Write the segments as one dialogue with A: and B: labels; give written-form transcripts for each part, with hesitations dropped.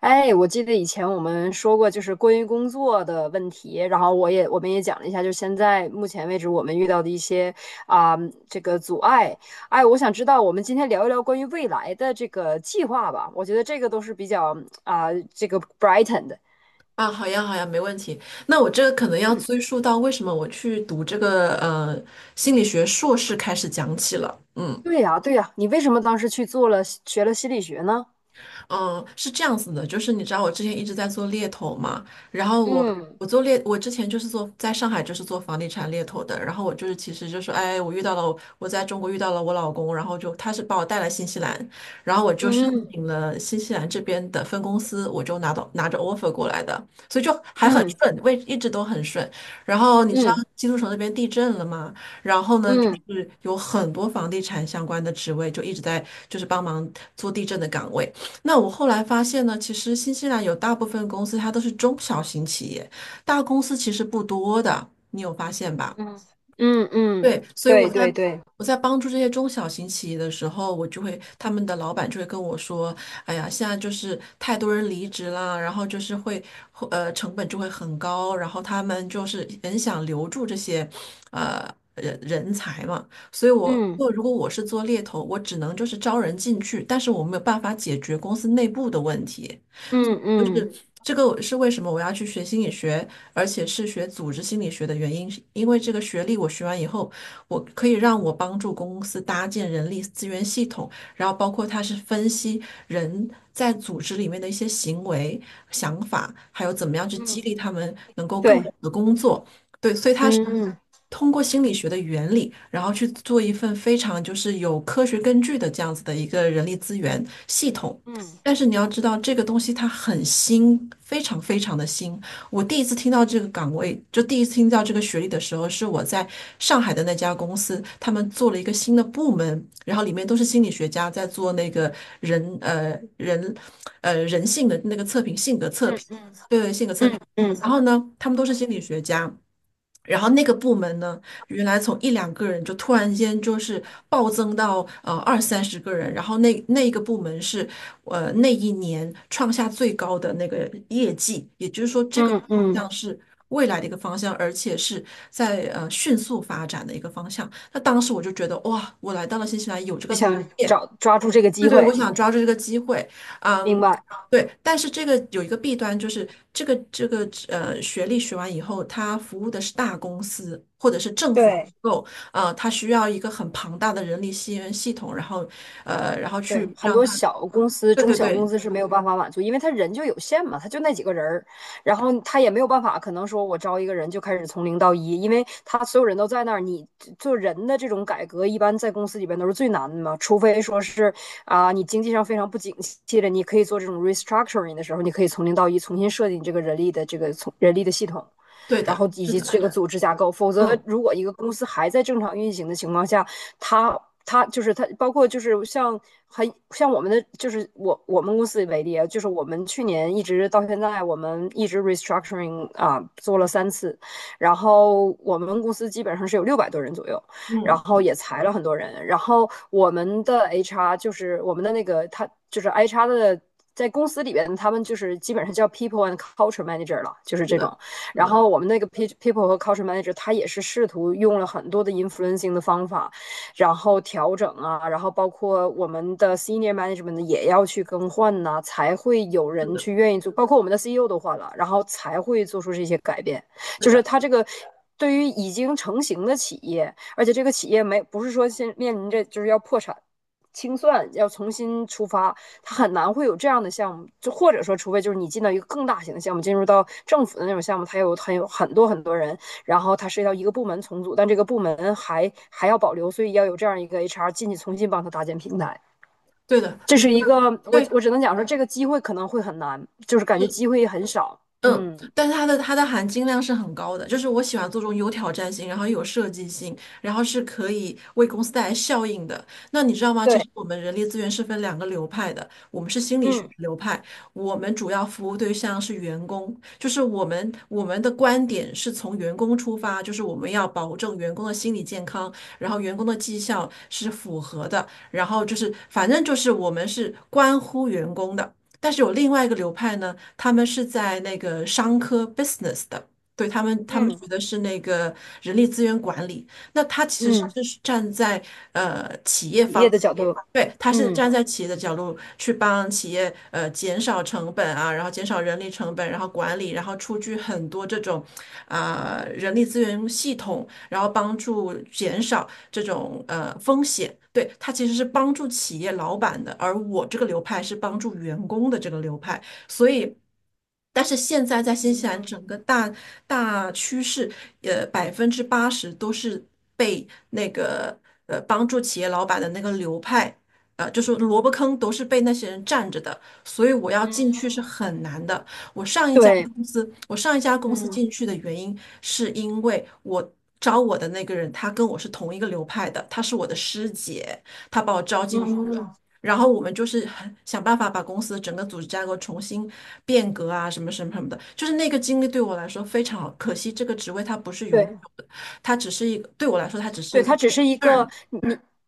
A: 哎，我记得以前我们说过，就是关于工作的问题，然后我们也讲了一下，就现在目前为止我们遇到的一些啊、这个阻碍。哎，我想知道我们今天聊一聊关于未来的这个计划吧，我觉得这个都是比较啊、这个 brighten 的。
B: 啊，好呀，好呀，没问题。那我这个可能要
A: 嗯，
B: 追溯到为什么我去读这个心理学硕士开始讲起了。嗯。
A: 对呀，对呀，你为什么当时去做了学了心理学呢？
B: 嗯，是这样子的，就是你知道我之前一直在做猎头嘛，然后我
A: 嗯
B: 我做猎，我之前就是做在上海做房地产猎头的，然后我就是其实就是哎，我在中国遇到了我老公，然后就他是把我带来新西兰，然后我就申
A: 嗯
B: 请了新西兰这边的分公司，我就拿着 offer 过来的，所以就还很
A: 嗯
B: 顺，位一直都很顺。然后你知道
A: 嗯
B: 基督城那边地震了吗？然后呢，就
A: 嗯
B: 是有很多房地产相关的职位就一直在就是帮忙做地震的岗位。那我后来发现呢，其实新西兰有大部分公司它都是中小型企业，大公司其实不多的，你有发现吧？
A: 嗯嗯嗯，
B: 对，所以
A: 对
B: 我在
A: 对对，
B: 我在帮助这些中小型企业的时候，我就会他们的老板就会跟我说："哎呀，现在就是太多人离职啦，然后就是会成本就会很高，然后他们就是很想留住这些呃人才嘛。所以
A: 嗯
B: 我如果我是做猎头，我只能就是招人进去，但是我没有办法解决公司内部的问题。
A: 嗯嗯
B: 这个是为什么我要去学心理学，而且是学组织心理学的原因，是因为这个学历我学完以后，我可以让我帮助公司搭建人力资源系统，然后包括它是分析人在组织里面的一些行为、想法，还有怎么样去
A: 嗯，
B: 激励他们能够更好
A: 对，
B: 的工作。对，所以它
A: 嗯。
B: 通过心理学的原理，然后去做一份非常就是有科学根据的这样子的一个人力资源系统。
A: 嗯
B: 但是你要知道，这个东西它很新，非常非常的新。我第一次听到这个岗位，就第一次听到这个学历的时候，是我在上海的那家公司，他们做了一个新的部门，然后里面都是心理学家在做那个人呃人人性的那个测评，性格测
A: 嗯
B: 评，对对，性格测评。
A: 嗯嗯嗯
B: 然后呢，他们都是心理学家。然后那个部门呢，原来从一两个人就突然间就是暴增到二三十个人，然后那一个部门是那一年创下最高的那个业绩，也
A: 嗯嗯，
B: 像是未来的一个方向，而且是在迅速发展的一个方向。那当时我就觉得哇，我来到了新西兰有这
A: 就
B: 个。
A: 想抓住这个
B: 对
A: 机
B: 对，我
A: 会，
B: 想抓住这个机会，
A: 明
B: 嗯，
A: 白？
B: 对，但是这个有一个弊端，就是这个学历学完以后，他服务的是大公司或者是政府机
A: 对，
B: 构，呃，他需要一个很庞大的人力资源系统，然后呃，然后
A: 对，
B: 去
A: 很
B: 让
A: 多
B: 他，
A: 小公司、
B: 对
A: 中
B: 对
A: 小公
B: 对，
A: 司是没有办法满足，因为他人就有限嘛，他就那几个人儿，然后他也没有办法，可能说我招一个人就开始从零到一，因为他所有人都在那儿，你做人的这种改革，一般在公司里边都是最难的嘛，除非说是你经济上非常不景气了，你可以做这种 restructuring 的时候，你可以从零到一重新设计你这个人力的这个从人力的系统，
B: 对
A: 然
B: 的，
A: 后以
B: 是
A: 及
B: 的，
A: 这个组织架构。否则，
B: 嗯
A: 如果一个公司还在正常运行的情况下，它它就是它，包括就是很像我们的，就是我们公司为例啊，就是我们去年一直到现在，我们一直 restructuring 啊做了3次，然后我们公司基本上是有600多人左右，然
B: 嗯
A: 后
B: 嗯，
A: 也裁了很多人，然后我们的 HR 就是我们的那个他就是 HR 的。在公司里边，他们就是基本上叫 people and culture manager 了，就是
B: 是
A: 这
B: 的，
A: 种。
B: 是
A: 然
B: 的，
A: 后我们那个 people 和 culture manager 他也是试图用了很多的 influencing 的方法，然后调整啊，然后包括我们的 senior management 也要去更换呐、才会有人去愿意做，包括我们的 CEO 都换了，然后才会做出这些改变，
B: 对
A: 就是
B: 的，
A: 他这个。对于已经成型的企业，而且这个企业没不是说现面临着就是要破产、清算，要重新出发，它很难会有这样的项目，就或者说，除非就是你进到一个更大型的项目，进入到政府的那种项目，它有很多很多人，然后它涉及到一个部门重组，但这个部门还要保留，所以要有这样一个 HR 进去重新帮他搭建平台。
B: 对的，
A: 这
B: 你说
A: 是一个，
B: 的
A: 我
B: 对。
A: 我只能讲说，这个机会可能会很难，就是感觉机
B: 是。
A: 会很少。
B: 嗯，
A: 嗯，
B: 但是它的含金量是很高的，就是我喜欢做这种有挑战性，然后又有设计性，然后是可以为公司带来效应的。那你知道吗？其
A: 对，
B: 实我们人力资源是分两个流派的，我们是心理学
A: 嗯
B: 流派，我们主要服务对象是员工，就是我们的观点是从员工出发，就是我们要保证员工的心理健康，然后员工的绩效是符合的，然后就是反正就是我们是关乎员工的。但是有另外一个流派呢，他们是在那个商科 business 的，对他们，他们
A: 嗯
B: 学的是那个人力资源管理。那他其
A: 嗯，
B: 实是站在企业
A: 企业
B: 方，
A: 的角度，
B: 对，他是
A: 嗯，
B: 站在企业的角度去帮企业减少成本啊，然后减少人力成本，然后管理，然后出具很多这种啊、人力资源系统然后帮助减少这种风险。对，它其实是帮助企业老板的，而我这个流派是帮助员工的这个流派，所以。但是现在在新西兰整个大趋势，呃，80%都是被那个帮助企业老板的那个流派，呃，就是萝卜坑都是被那些人占着的，所以我要进去是很难的。
A: 对，
B: 我上一家公司
A: 嗯
B: 进去的原因，是因为我招我的那个人，他跟我是同一个流派的，他是我的师姐，他把我招进去了。
A: 嗯，
B: 然后我们就是很想办法把公司整个组织架构重新变革啊，什么什么什么的。就是那个经历对我来说非常好，可惜这个职位它不是永
A: 对。
B: 久的，它只是
A: 对，
B: 一个
A: 它只是一个
B: term
A: 你。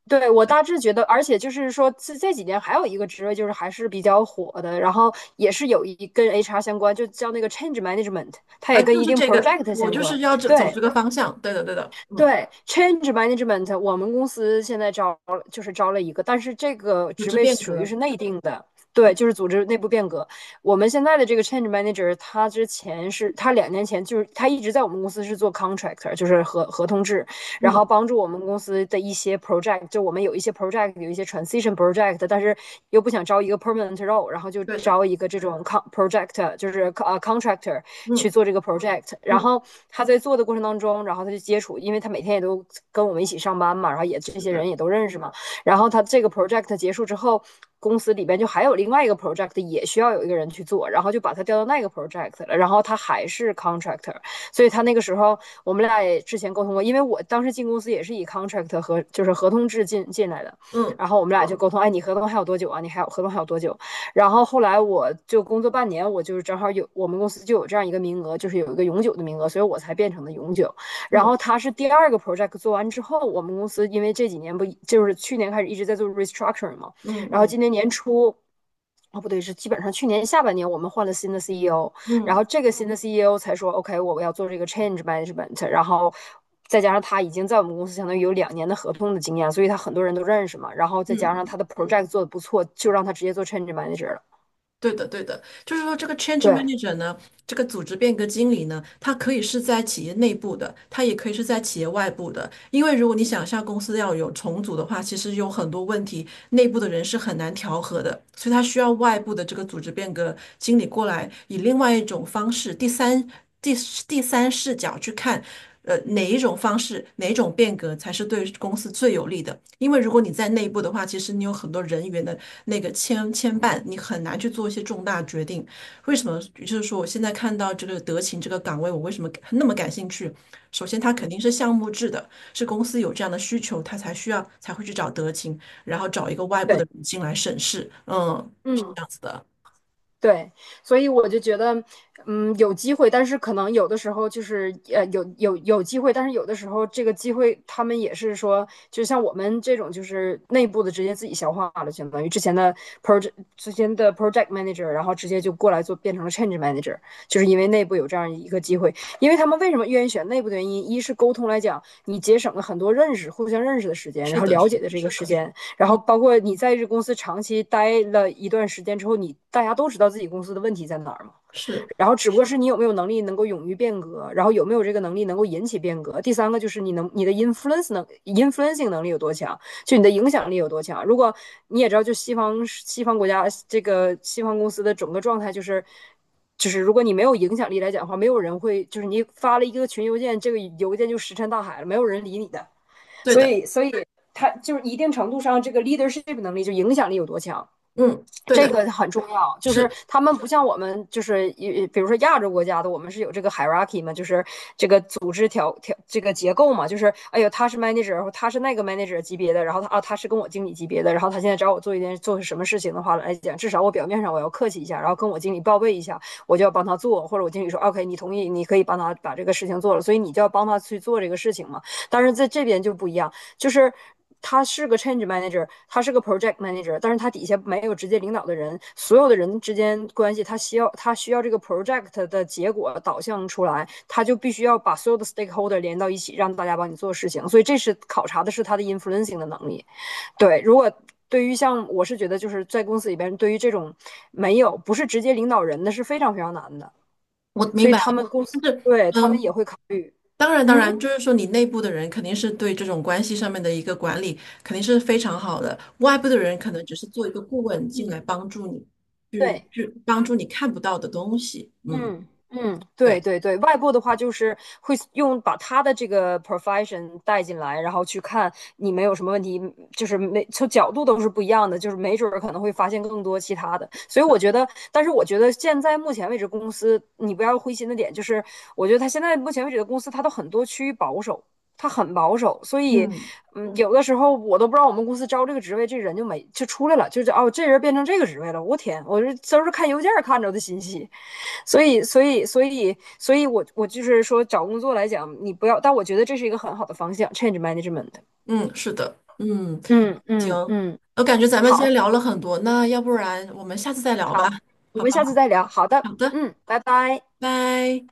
A: 对我大致觉得，而且就是说，这几年还有一个职位就是还是比较火的，然后也是有一跟 HR 相关，就叫那个 change management,它
B: 啊，
A: 也跟
B: 就
A: 一
B: 是
A: 定
B: 这个
A: project
B: 我
A: 相
B: 就是
A: 关。
B: 要这走
A: 对，
B: 这个方向，对的对的，嗯，
A: 对，change management,我们公司现在招了就是招了一个，但是这个
B: 组
A: 职
B: 织
A: 位
B: 变
A: 属于
B: 革，
A: 是内定的，对，就是组织内部变革。我们现在的这个 change manager,他之前是他2年前就是他一直在我们公司是做 contractor,就是合同制，然
B: 嗯，
A: 后帮助我们公司的一些 project,就我们有一些 project 有一些 transition project,但是又不想招一个 permanent role,然后就
B: 对的，
A: 招一个这种 con project,就是contractor,去
B: 嗯
A: 做这个 project。然
B: 嗯，
A: 后他在做的过程当中，然后他就接触，因为他每天也都跟我们一起上班嘛，然后也这
B: 是
A: 些
B: 的。
A: 人也都认识嘛。然后他这个 project 结束之后，公司里边就还有另外一个 project 也需要有一个人去做，然后就把他调到那个 project 了。然后他还是 contractor,所以他那个时候我们俩也之前沟通过，因为我当时进公司也是以 contract 和就是合同制进来的，
B: 嗯
A: 然后我们俩就沟通，哎，你合同还有多久啊？你还有合同还有多久？然后后来我就工作半年，我就是正好有我们公司就有这样一个名额，就是有一个永久的名额，所以我才变成了永久。然后
B: 嗯
A: 他是第二个 project 做完之后，我们公司因为这几年不就是去年开始一直在做 restructuring 嘛，
B: 嗯
A: 然后今
B: 嗯
A: 年年初。哦，不对，是基本上去年下半年我们换了新的 CEO,然
B: 嗯
A: 后这个新的 CEO 才说 OK,我要做这个 change management,然后。再加上他已经在我们公司相当于有两年的合同的经验，所以他很多人都认识嘛。然后再
B: 嗯
A: 加上他
B: 嗯，
A: 的 project 做的不错，就让他直接做 change manager 了。
B: 对的对的，就是说这个 change
A: 对，
B: manager 呢，这个组织变革经理呢，他可以是在企业内部的，他也可以是在企业外部的，因为如果你想象公司要有重组的话，其实有很多问题，内部的人是很难调和的，所以他需要外部的这个组织变革经理过来，以另外一种方式，第第三视角去看。呃，哪一种方式，哪一种变革才是对公司最有利的？因为如果你在内部的话，其实你有很多人员的那个牵绊，你很难去做一些重大决定。为什么？就是说，我现在看到这个德勤这个岗位，我为什么那么感兴趣？首先，它肯
A: 嗯，
B: 定是项目制的，是公司有这样的需求，他才需要才会去找德勤，然后找一个外部
A: 对，
B: 的人进来审视。嗯，
A: 嗯，
B: 的，
A: 对，所以我就觉得，有机会，但是可能有的时候就是，有机会，但是有的时候这个机会，他们也是说，就像我们这种，就是内部的直接自己消化了，相当于之前的 project 之前的 project manager,然后直接就过来做变成了 change manager,就是因为内部有这样一个机会，因为他们为什么愿意选内部的原因，一是沟通来讲，你节省了很多认识、互相认识的时间，然
B: 是
A: 后
B: 的，
A: 了
B: 是
A: 解
B: 的，
A: 的这个时间，然后
B: 嗯，
A: 包括你在这公司长期待了一段时间之后，你大家都知道自己公司的问题在哪儿嘛。
B: 是
A: 然后只不过是你有没有能力能够勇于变革，然后有没有这个能力能够引起变革。第三个就是你的 influence influencing 能力有多强，就你的影响力有多强。如果你也知道，就西方国家这个西方公司的整个状态就是。就是如果你没有影响力来讲的话，没有人会，就是你发了一个群邮件，这个邮件就石沉大海了，没有人理你的。
B: 对
A: 所
B: 的，
A: 以，所以，他就是一定程度上，这个 leadership 能力就影响力有多强，
B: 嗯，对
A: 这
B: 的，
A: 个很重要。就是
B: 是
A: 他们不像我们，就是比如说亚洲国家的，我们是有这个 hierarchy 嘛，就是这个组织条条这个结构嘛，就是哎呦，他是 manager,他是那个 manager 级别的，然后他是跟我经理级别的，然后他现在找我做一件做什么事情的话来讲，至少我表面上我要客气一下，然后跟我经理报备一下，我就要帮他做，或者我经理说 OK,你同意，你可以帮他把这个事情做了，所以你就要帮他去做这个事情嘛。但是在这边就不一样。就是他是个 change manager,他是个 project manager,但是他底下没有直接领导的人，所有的人之间关系，他需要这个 project 的结果导向出来，他就必须要把所有的 stakeholder 连到一起，让大家帮你做事情。所以这是考察的是他的 influencing 的能力。对，如果。对于像我是觉得就是在公司里边，对于这种没有不是直接领导人的是非常非常难的，
B: 我明
A: 所以
B: 白，
A: 他们公司
B: 就是
A: 对他们也
B: 嗯。
A: 会考虑，
B: 当然，当
A: 嗯
B: 然，就是说你内部的人肯定是对这种关系上面的一个管理肯定是非常好的，外部的人可能只是做一个顾问进
A: 嗯，
B: 来帮助你，
A: 对，
B: 去帮助你看不到的东西。嗯，
A: 嗯嗯，对
B: 对，
A: 对对，外部的话就是会用把他的这个 profession 带进来，然后去看你们有什么问题，就是每从角度都是不一样的，就是没准儿可能会发现更多其他的。所以我觉得，但是我觉得现在目前为止公司，你不要灰心的点就是，我觉得他现在目前为止的公司，他都很多趋于保守，他很保守，所以
B: 嗯
A: 有的时候我都不知道我们公司招这个职位，这人就没就出来了，就是哦，这人变成这个职位了，我天，我这都是看邮件儿看着的信息。所以,我就是说，找工作来讲，你不要，但我觉得这是一个很好的方向，change management。
B: 嗯，是的，嗯。
A: 嗯
B: 行，
A: 嗯嗯，
B: 我感觉咱们今
A: 好
B: 天聊了很多，那要不然我们下次再聊吧？
A: 好，我
B: 好
A: 们
B: 吧，
A: 下次再聊。好的，
B: 好的，
A: 嗯，拜拜。
B: 拜。